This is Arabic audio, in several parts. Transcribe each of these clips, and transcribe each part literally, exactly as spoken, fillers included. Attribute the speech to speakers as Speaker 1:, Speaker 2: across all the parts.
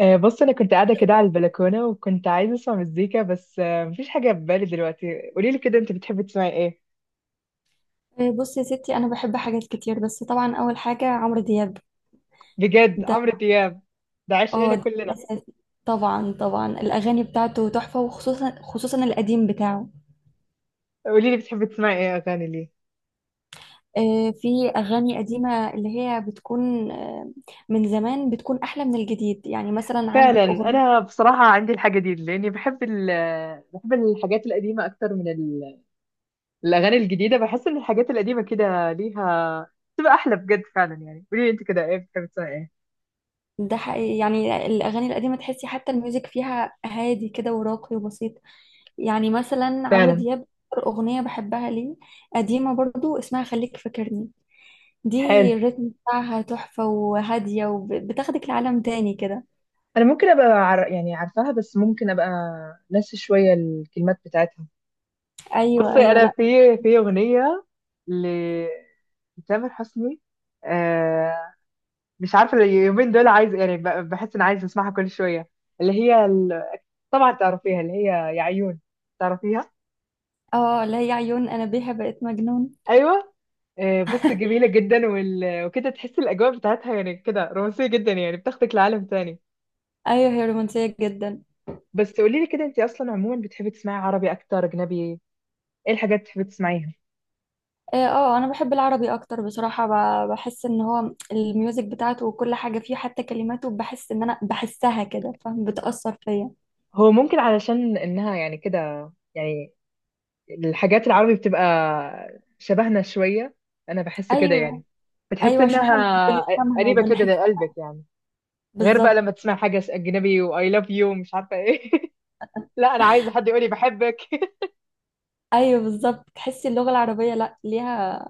Speaker 1: آه، بص انا كنت قاعده كده على البلكونه وكنت عايزه اسمع مزيكا بس آه، مفيش حاجه في بالي دلوقتي. قولي لي كده انت بتحبي تسمعي ايه؟
Speaker 2: بصي يا ستي، انا بحب حاجات كتير، بس طبعا اول حاجه عمرو دياب
Speaker 1: بجد
Speaker 2: ده.
Speaker 1: عمرو دياب ده
Speaker 2: اه،
Speaker 1: عشقنا
Speaker 2: ده
Speaker 1: كلنا.
Speaker 2: الاساسي. طبعا طبعا الاغاني بتاعته تحفه، وخصوصا خصوصا القديم بتاعه.
Speaker 1: قولي لي بتحبي تسمعي ايه اغاني ليه.
Speaker 2: آه، في اغاني قديمه اللي هي بتكون آه، من زمان، بتكون احلى من الجديد. يعني مثلا
Speaker 1: فعلا.
Speaker 2: عندك اغنيه.
Speaker 1: انا بصراحه عندي الحاجه دي لاني بحب ال- آه، بحب الحاجات القديمه اكتر من ال- الاغاني الجديده. بحس ان الحاجات القديمه كده ليها، بتبقى احلى بجد فعلا. يعني قولي لي انت كده ايه، بتحبي تسمعي ايه؟
Speaker 2: ده حقيقي، يعني الاغاني القديمه تحسي حتى الميوزك فيها هادي كده وراقي وبسيط. يعني مثلا عمرو
Speaker 1: فعلا.
Speaker 2: دياب أكتر اغنيه بحبها ليه، قديمه برضو، اسمها خليك فاكرني
Speaker 1: حلو.
Speaker 2: دي. الريتم بتاعها تحفة وهادية، وبتاخدك لعالم تاني كده.
Speaker 1: انا ممكن ابقى عر... يعني عارفاها، بس ممكن ابقى ناسي شويه الكلمات بتاعتها.
Speaker 2: أيوة
Speaker 1: بصي
Speaker 2: أيوة،
Speaker 1: انا
Speaker 2: لأ.
Speaker 1: في، في اغنيه لتامر حسني، آه، مش عارفه اليومين دول عايز يعني ب- بحس ان عايز اسمعها كل شويه، اللي هي ال... طبعا تعرفيها، اللي هي يا عيون. تعرفيها؟
Speaker 2: اه، لا، هي عيون أنا بيها بقيت مجنون.
Speaker 1: ايوه. آه بصي جميله جدا وال... وكده تحسي الاجواء بتاعتها يعني كده رومانسيه جدا، يعني بتاخدك لعالم تاني.
Speaker 2: أيوة، هي رومانسية جدا.
Speaker 1: بس قولي لي كده انت اصلا عموما بتحبي تسمعي عربي اكتر اجنبي، ايه الحاجات اللي بتحبي تسمعيها؟
Speaker 2: اه. آه، أنا بحب العربي أكتر بصراحة. ب- بحس إن هو الميوزك بتاعته، وكل حاجة فيه حتى كلماته، بحس إن أنا بحسها كده، فاهم، بتأثر فيا.
Speaker 1: هو ممكن علشان انها يعني كده، يعني الحاجات العربي بتبقى شبهنا شوية. أنا بحس كده
Speaker 2: أيوة.
Speaker 1: يعني بتحس
Speaker 2: أيوة، عشان إحنا
Speaker 1: إنها
Speaker 2: بنفهمها
Speaker 1: قريبة كده
Speaker 2: وبنحسها.
Speaker 1: لقلبك يعني. غير بقى
Speaker 2: بالظبط.
Speaker 1: لما تسمع حاجة أجنبي و I love you ومش عارفة إيه لا أنا عايزة حد يقولي بحبك
Speaker 2: ايوه بالظبط، تحسي اللغه العربيه لا ليها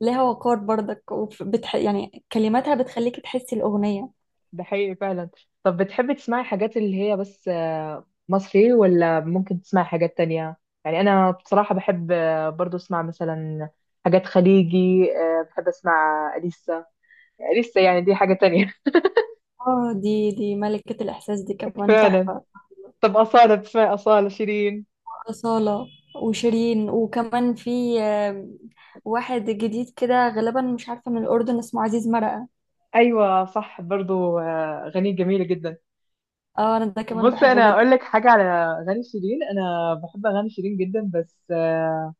Speaker 2: ليها وقار برضك، وبتح... يعني كلماتها بتخليكي تحسي الاغنيه.
Speaker 1: ده حقيقي فعلا. طب بتحبي تسمعي حاجات اللي هي بس آه، مصري، ولا ممكن تسمعي حاجات تانية؟ يعني أنا بصراحة بحب آه، برضو أسمع مثلا حاجات خليجي. آه، بحب أسمع أليسا. أليسا يعني دي حاجة تانية.
Speaker 2: اه، دي دي ملكة الإحساس، دي كمان
Speaker 1: فعلا.
Speaker 2: تحفة.
Speaker 1: طب أصالة، بتسمعي أصالة شيرين؟
Speaker 2: أصالة وشيرين، وكمان في آه، واحد جديد كده غالبا مش عارفة من الأردن، اسمه عزيز مرقة.
Speaker 1: ايوه صح، برضو آه، اغاني جميله جدا.
Speaker 2: اه، أنا ده كمان
Speaker 1: بص
Speaker 2: بحبه
Speaker 1: انا
Speaker 2: جدا.
Speaker 1: اقول لك حاجه على اغاني شيرين. انا بحب اغاني شيرين جدا بس آه،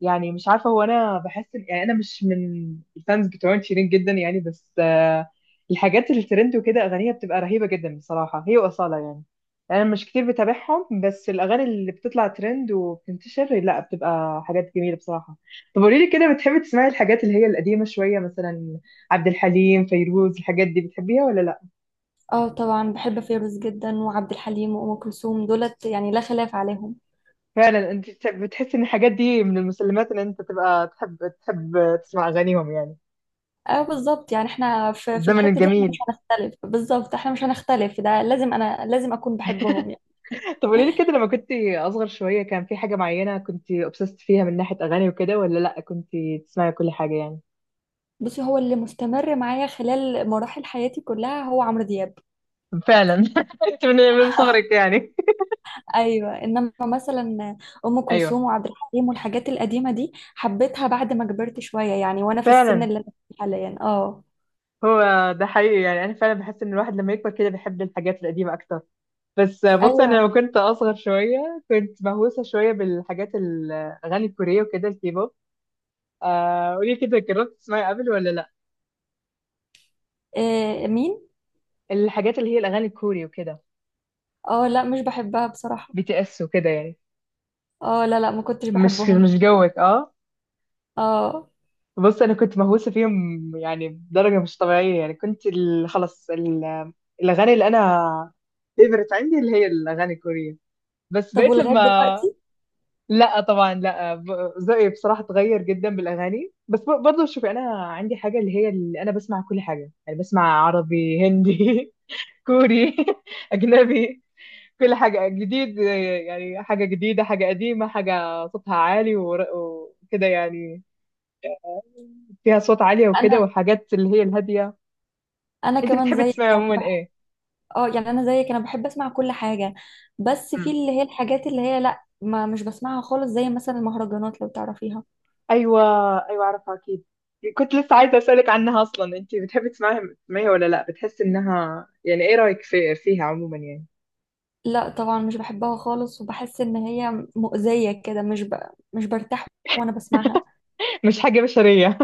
Speaker 1: يعني مش عارفه، هو انا بحس إن- يعني انا مش من الفانز بتوع شيرين جدا يعني، بس آه، الحاجات الترند وكده اغانيها بتبقى رهيبه جدا بصراحه، هي واصاله يعني. انا مش كتير بتابعهم، بس الاغاني اللي بتطلع ترند وبتنتشر لا، بتبقى حاجات جميله بصراحه. طب قولي لي كده بتحبي تسمعي الحاجات اللي هي القديمه شويه، مثلا عبد الحليم، فيروز، الحاجات دي بتحبيها ولا لا؟
Speaker 2: اه طبعا، بحب فيروز جدا وعبد الحليم وأم كلثوم، دولت يعني لا خلاف عليهم.
Speaker 1: فعلا. انت بتحس ان الحاجات دي من المسلمات ان انت تبقى تحب، تحب تسمع اغانيهم يعني.
Speaker 2: اه بالظبط، يعني احنا
Speaker 1: في
Speaker 2: في, في
Speaker 1: الزمن
Speaker 2: الحتة دي احنا مش
Speaker 1: الجميل
Speaker 2: هنختلف، بالظبط احنا مش هنختلف، ده لازم، أنا لازم أكون بحبهم يعني.
Speaker 1: طب قولي لي كده، لما كنت اصغر شويه كان في حاجه معينه كنت obsessed فيها من ناحيه اغاني وكده، ولا لا كنت تسمعي كل حاجه يعني؟
Speaker 2: بصي، هو اللي مستمر معايا خلال مراحل حياتي كلها هو عمرو دياب.
Speaker 1: فعلا انت من من صغرك يعني.
Speaker 2: ايوه، انما مثلا ام
Speaker 1: ايوه.
Speaker 2: كلثوم وعبد الحليم والحاجات القديمه دي حبيتها بعد ما كبرت شويه يعني، وانا في السن
Speaker 1: فعلا.
Speaker 2: اللي انا فيه حاليا. اه.
Speaker 1: هو ده حقيقي يعني، انا فعلا بحس ان الواحد لما يكبر كده بيحب الحاجات القديمه اكتر. بس بص انا
Speaker 2: ايوه.
Speaker 1: لما كنت اصغر شويه كنت مهووسه شويه بالحاجات الاغاني الكوريه وكده، الكيبوب. آه قولي كده، جربت تسمعي قبل ولا لا
Speaker 2: إيه مين؟
Speaker 1: الحاجات اللي هي الاغاني الكوري وكده،
Speaker 2: اه لا، مش بحبها بصراحه.
Speaker 1: بي تي اس وكده يعني؟
Speaker 2: اه، لا لا، ما كنتش
Speaker 1: مش،
Speaker 2: بحبهم.
Speaker 1: مش جوك. اه.
Speaker 2: اه.
Speaker 1: بص انا كنت مهووسه فيهم يعني بدرجه مش طبيعيه يعني، كنت ال- خلاص ال- الاغاني اللي انا فيفرت عندي اللي هي الاغاني الكوريه. بس
Speaker 2: طب
Speaker 1: بقيت
Speaker 2: ولغايه
Speaker 1: لما،
Speaker 2: دلوقتي؟
Speaker 1: لا طبعا لا. ب- ذوقي بصراحه اتغير جدا بالاغاني، بس ب- برضه شوفي انا عندي حاجه اللي هي، اللي انا بسمع كل حاجه يعني. بسمع عربي، هندي كوري اجنبي. كل حاجة جديد، يعني حاجة جديدة، حاجة قديمة، حاجة صوتها عالي ور- وكده يعني، فيها صوت عالية وكده
Speaker 2: انا
Speaker 1: والحاجات اللي هي الهادية.
Speaker 2: انا
Speaker 1: انت
Speaker 2: كمان
Speaker 1: بتحبي تسمعي
Speaker 2: زيك يعني،
Speaker 1: عموما
Speaker 2: بحب.
Speaker 1: ايه؟
Speaker 2: اه يعني، انا زيك، انا بحب اسمع كل حاجه. بس في
Speaker 1: مم.
Speaker 2: اللي هي الحاجات اللي هي، لا ما مش بسمعها خالص، زي مثلا المهرجانات لو تعرفيها.
Speaker 1: ايوه. ايوه اعرفها اكيد. كنت لسه عايزة اسألك عنها اصلا، انت بتحبي تسمعيها، تسمعيها ولا لا؟ بتحسي انها يعني، ايه رأيك في، فيها عموما يعني؟
Speaker 2: لا طبعا، مش بحبها خالص، وبحس ان هي مؤذية كده، مش ب... مش برتاح وانا بسمعها.
Speaker 1: مش حاجة بشرية.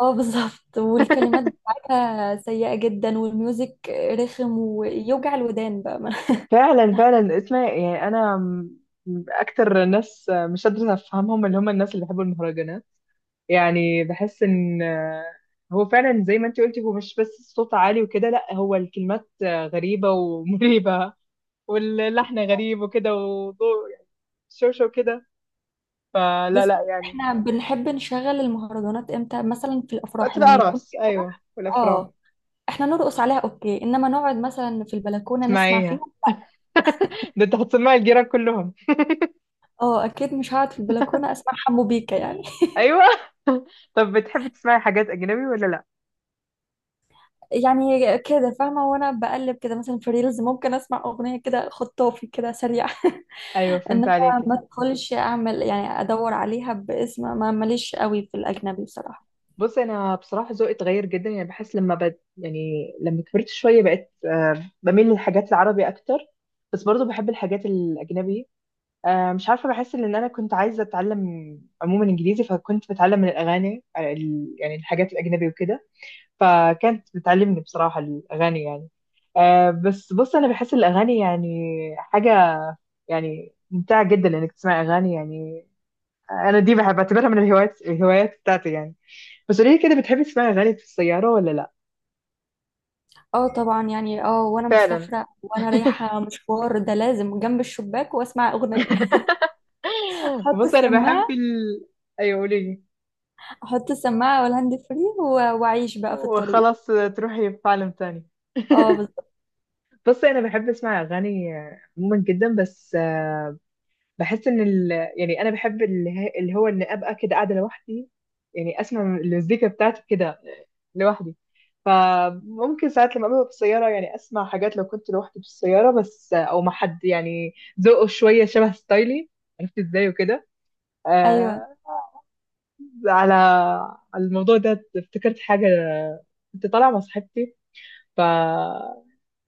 Speaker 2: اه بالظبط، والكلمات بتاعتها سيئة جدا، والميوزك رخم ويوجع الودان بقى.
Speaker 1: فعلا فعلا. اسمع يعني انا م- اكتر ناس مش قادرة افهمهم، اللي هم الناس اللي بيحبوا المهرجانات يعني. بحس ان آه، هو فعلا زي ما انت قلتي، هو مش بس الصوت عالي وكده، لا هو الكلمات آه، غريبة ومريبة واللحن غريب وكده وضوء يعني، شوشة وكده. فلا
Speaker 2: بص،
Speaker 1: لا يعني.
Speaker 2: احنا بنحب نشغل المهرجانات امتى؟ مثلا في
Speaker 1: وقت
Speaker 2: الافراح، لما يكون
Speaker 1: الأعراس،
Speaker 2: في
Speaker 1: أيوة،
Speaker 2: فرح.
Speaker 1: والأفراح.
Speaker 2: اه، احنا نرقص عليها اوكي، انما نقعد مثلا في البلكونة نسمع
Speaker 1: اسمعيها
Speaker 2: فيهم؟
Speaker 1: ده انت هتسمعي الجيران كلهم.
Speaker 2: اه اكيد، مش هقعد في البلكونة اسمع حمو بيكا يعني.
Speaker 1: أيوة طب بتحبي تسمعي حاجات أجنبي ولا لا؟
Speaker 2: يعني كده فاهمة، وانا بقلب كده مثلا في ريلز، ممكن اسمع اغنية كده خطافي كده سريع.
Speaker 1: أيوة فهمت
Speaker 2: انما
Speaker 1: عليكي.
Speaker 2: ما ادخلش اعمل يعني ادور عليها باسم، ما ماليش قوي في الاجنبي بصراحة.
Speaker 1: بص انا بصراحه ذوقي اتغير جدا، يعني بحس لما بد يعني لما كبرت شويه بقيت آه، بميل للحاجات العربي اكتر. بس برضو بحب الحاجات الاجنبي. آه، مش عارفه، بحس ان انا كنت عايزه اتعلم عموما انجليزي، فكنت بتعلم من الاغاني آه، ال- يعني الحاجات الاجنبي وكده، فكانت بتعلمني بصراحه الاغاني يعني. آه، بس بص انا بحس الاغاني يعني حاجه يعني ممتعه جدا انك تسمع اغاني يعني. آه، انا دي بحب بعتبرها من الهوايات، الهوايات بتاعتي يعني. بس قولي لي كده، بتحبي تسمعي اغاني في السياره ولا لا؟
Speaker 2: اه طبعا يعني. اه، وانا
Speaker 1: فعلا.
Speaker 2: مسافرة وانا رايحة مشوار، ده لازم جنب الشباك واسمع اغنية. احط
Speaker 1: بص انا بحب
Speaker 2: السماعة
Speaker 1: ال... ايوه قولي لي.
Speaker 2: احط السماعة والهاند فري، و- واعيش بقى في الطريق.
Speaker 1: وخلاص تروحي في عالم تاني.
Speaker 2: اه بالظبط.
Speaker 1: بص انا بحب اسمع اغاني آه، عموما جدا، بس آه، بحس ان ال... يعني انا بحب اللي, هي... اللي هو ان ابقى كده قاعده لوحدي يعني، اسمع المزيكا بتاعتي كده لوحدي. فممكن ساعات لما ابقى في السياره يعني اسمع حاجات لو كنت لوحدي في السياره، بس آه، او مع حد يعني ذوقه شويه شبه ستايلي، عرفت ازاي وكده.
Speaker 2: ايوه،
Speaker 1: آه. على، على الموضوع ده افتكرت حاجة. كنت طالعة مع صاحبتي، ف،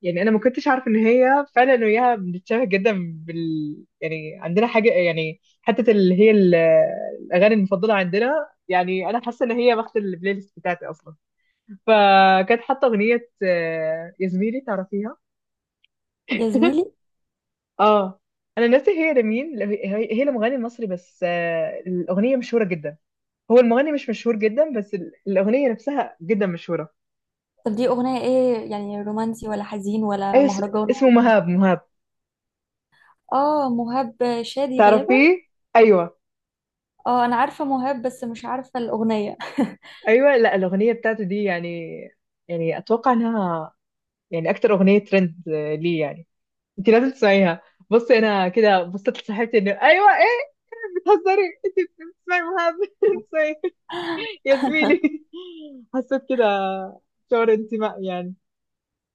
Speaker 1: يعني أنا ما كنتش عارفة إن هي فعلا أنا وياها بنتشابه جدا، بال يعني عندنا حاجة يعني حتة اللي هي ال- الأغاني المفضلة عندنا. يعني أنا حاسة إن هي واخدة البلاي ليست بتاعتي أصلا. فكانت حاطة أغنية آه، يا زميلي، تعرفيها؟
Speaker 2: يا زميلي.
Speaker 1: اه. انا ناسي هي لمين، ل- هي، هي لمغني مصري بس آه، الاغنيه مشهوره جدا. هو المغني مش مشهور جدا، بس ال- الأغنية نفسها جدا مشهورة.
Speaker 2: طب دي اغنية ايه؟ يعني رومانسي ولا حزين ولا
Speaker 1: أيوة اس-
Speaker 2: مهرجان
Speaker 1: اسمه
Speaker 2: ولا ايه؟
Speaker 1: مهاب. مهاب،
Speaker 2: اه، مهاب شادي غالبا.
Speaker 1: تعرفيه؟ أيوة.
Speaker 2: اه، انا عارفة مهاب، بس مش عارفة الأغنية.
Speaker 1: أيوة لا الأغنية بتاعته دي يعني، يعني أتوقع إنها يعني أكتر أغنية ترند آه، ليه يعني. أنت لازم تسمعيها. بصي أنا كده بصيت لصاحبتي، إنه أيوة إيه، بتهزري أنت، بتسمعي مهاب بتسمعي يا زميلي حسيت كده شعور انتماء يعني.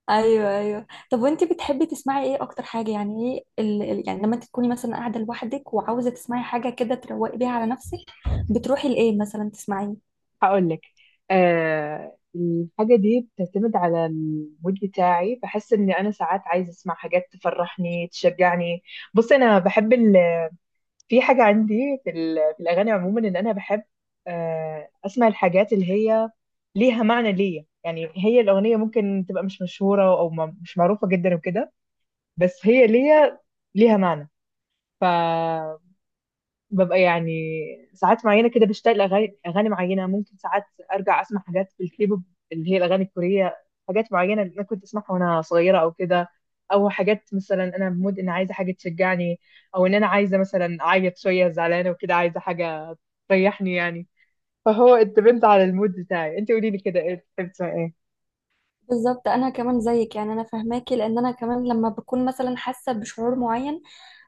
Speaker 2: ايوه ايوه. طب وانتي بتحبي تسمعي ايه اكتر حاجة؟ يعني ايه ال... ال- يعني لما انت تكوني مثلا قاعدة لوحدك وعاوزة تسمعي حاجة كده تروقي بيها على نفسك، بتروحي لايه مثلا تسمعيه؟
Speaker 1: هقول لك. آه الحاجة دي بتعتمد على المود بتاعي، بحس إن أنا ساعات عايزة أسمع حاجات تفرحني، تشجعني. بص أنا بحب ال... في حاجة عندي في, ال... في الأغاني عموما، إن أنا بحب آه أسمع الحاجات اللي هي ليها معنى ليا يعني. هي الأغنية ممكن تبقى مش مشهورة أو ما... مش معروفة جدا وكده، بس هي ليا، ليها معنى. ف ببقى يعني ساعات معينه كده بشتغل اغاني، اغاني معينه. ممكن ساعات ارجع اسمع حاجات في الكيبوب اللي هي الاغاني الكوريه، حاجات معينه انا كنت اسمعها وانا صغيره او كده. او حاجات مثلا انا بمود ان عايزه حاجه تشجعني، او ان انا عايزه مثلا اعيط شويه، زعلانه وكده عايزه حاجه تريحني يعني. فهو اتبنت على المود بتاعي. انت قولي لي كده ايه، بتحبي تسمعي ايه؟
Speaker 2: بالظبط، انا كمان زيك يعني. انا فاهماكي، لان انا كمان لما بكون مثلا حاسة بشعور معين،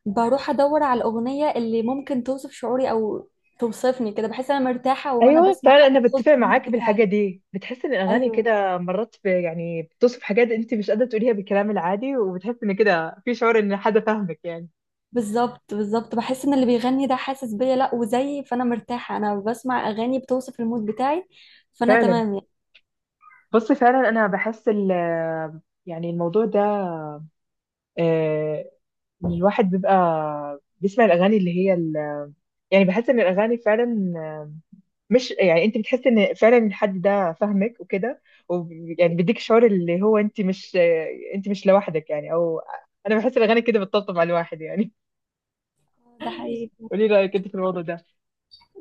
Speaker 2: بروح ادور على الأغنية اللي ممكن توصف شعوري او توصفني كده. بحس انا مرتاحة وانا
Speaker 1: ايوه
Speaker 2: بسمع
Speaker 1: فعلا انا
Speaker 2: حاجة تخص
Speaker 1: بتفق
Speaker 2: المود
Speaker 1: معاك بالحاجه
Speaker 2: بتاعي.
Speaker 1: دي. بتحس ان الاغاني
Speaker 2: ايوه
Speaker 1: كده مرات ب- يعني بتوصف حاجات انت مش قادره تقوليها بالكلام العادي، وبتحس ان كده في شعور ان حد فاهمك يعني.
Speaker 2: بالظبط بالظبط، بحس ان اللي بيغني ده حاسس بيا، لا وزيي، فانا مرتاحه انا بسمع اغاني بتوصف المود بتاعي، فانا
Speaker 1: فعلا.
Speaker 2: تمام يعني.
Speaker 1: بص فعلا انا بحس ال، يعني الموضوع ده آه، ان الواحد بيبقى بيسمع الاغاني اللي هي ال- يعني بحس ان الاغاني فعلا، مش يعني انت بتحس ان فعلا الحد ده فاهمك وكده، ويعني بيديك شعور اللي هو انت مش، انت مش لوحدك يعني. او انا بحس الاغاني كده بتطبطب على الواحد يعني.
Speaker 2: ده حقيقي.
Speaker 1: قولي لي رايك انت في الموضوع ده.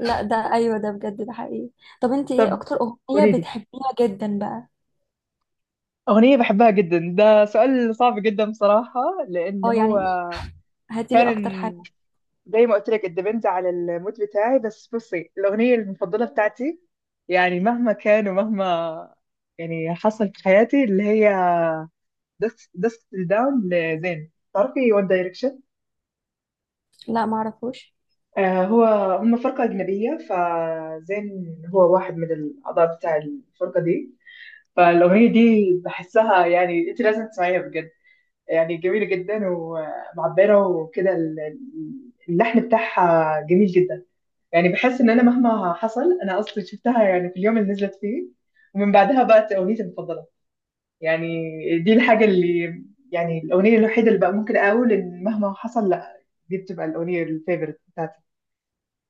Speaker 2: لا، ده ايوه، ده بجد، ده حقيقي. طب انت، ايه
Speaker 1: طب
Speaker 2: اكتر اغنيه
Speaker 1: قولي لي
Speaker 2: بتحبيها جدا بقى؟
Speaker 1: اغنيه بحبها جدا؟ ده سؤال صعب جدا بصراحه لان
Speaker 2: اه
Speaker 1: هو،
Speaker 2: يعني، هاتيلي
Speaker 1: فعلا
Speaker 2: اكتر حاجه.
Speaker 1: زي ما قلت لك الدبنت على المود بتاعي. بس بصي الاغنيه المفضله بتاعتي يعني مهما كان ومهما يعني حصل في حياتي اللي هي دست دست داون لزين، تعرفي وان دايركشن؟
Speaker 2: لا، ما اعرفش.
Speaker 1: آه هو، هم فرقة أجنبية فزين هو واحد من الأعضاء بتاع الفرقة دي. فالاغنيه دي بحسها يعني، انت لازم تسمعيها بجد. يعني جميله جدا ومعبره وكده، ال- ال- اللحن بتاعها جميل جدا. يعني بحس ان انا مهما حصل، انا اصلا شفتها يعني في اليوم اللي نزلت فيه، ومن بعدها بقت اغنيتي المفضله يعني. دي الحاجه اللي يعني الاغنيه الوحيده اللي بقى ممكن اقول ان مهما حصل لا، دي بتبقى الاغنيه الفيفورت بتاعتي.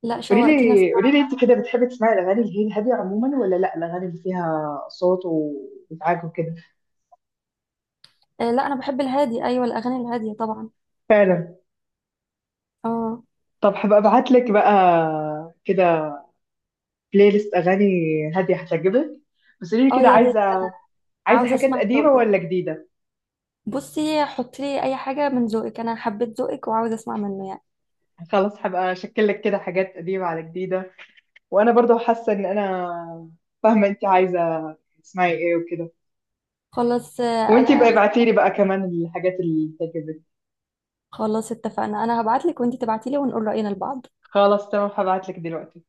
Speaker 2: لا،
Speaker 1: قولي
Speaker 2: شوقتيني
Speaker 1: لي
Speaker 2: اسمع.
Speaker 1: قولي لي انت كده بتحبي تسمعي الاغاني اللي هي الهاديه عموما، ولا لا الاغاني اللي فيها صوت وازعاج وكده؟
Speaker 2: آه لا، انا بحب الهادي، ايوه الاغاني الهاديه طبعا.
Speaker 1: فعلا.
Speaker 2: اه.
Speaker 1: طب هبقى ابعت لك بقى كده بلاي ليست اغاني هاديه هتعجبك. بس قولي لي
Speaker 2: اه،
Speaker 1: كده،
Speaker 2: يا ريت.
Speaker 1: عايزه، عايزه
Speaker 2: عاوزه
Speaker 1: حاجات
Speaker 2: اسمع
Speaker 1: قديمه
Speaker 2: ذوقك.
Speaker 1: ولا جديده؟
Speaker 2: بصي، حطي لي اي حاجه من ذوقك، انا حبيت ذوقك وعاوزه اسمع منه يعني.
Speaker 1: خلاص هبقى اشكل لك كده حاجات قديمه على جديده. وانا برضه حاسه ان انا فاهمه انت عايزه تسمعي ايه وكده.
Speaker 2: خلاص. آه،
Speaker 1: وانت بقى
Speaker 2: انا
Speaker 1: ابعتي لي بقى كمان الحاجات اللي تعجبك.
Speaker 2: خلاص اتفقنا، انا هبعتلك وانتي تبعتيلي ونقول رأينا لبعض.
Speaker 1: خلاص تمام، هبعت لك دلوقتي.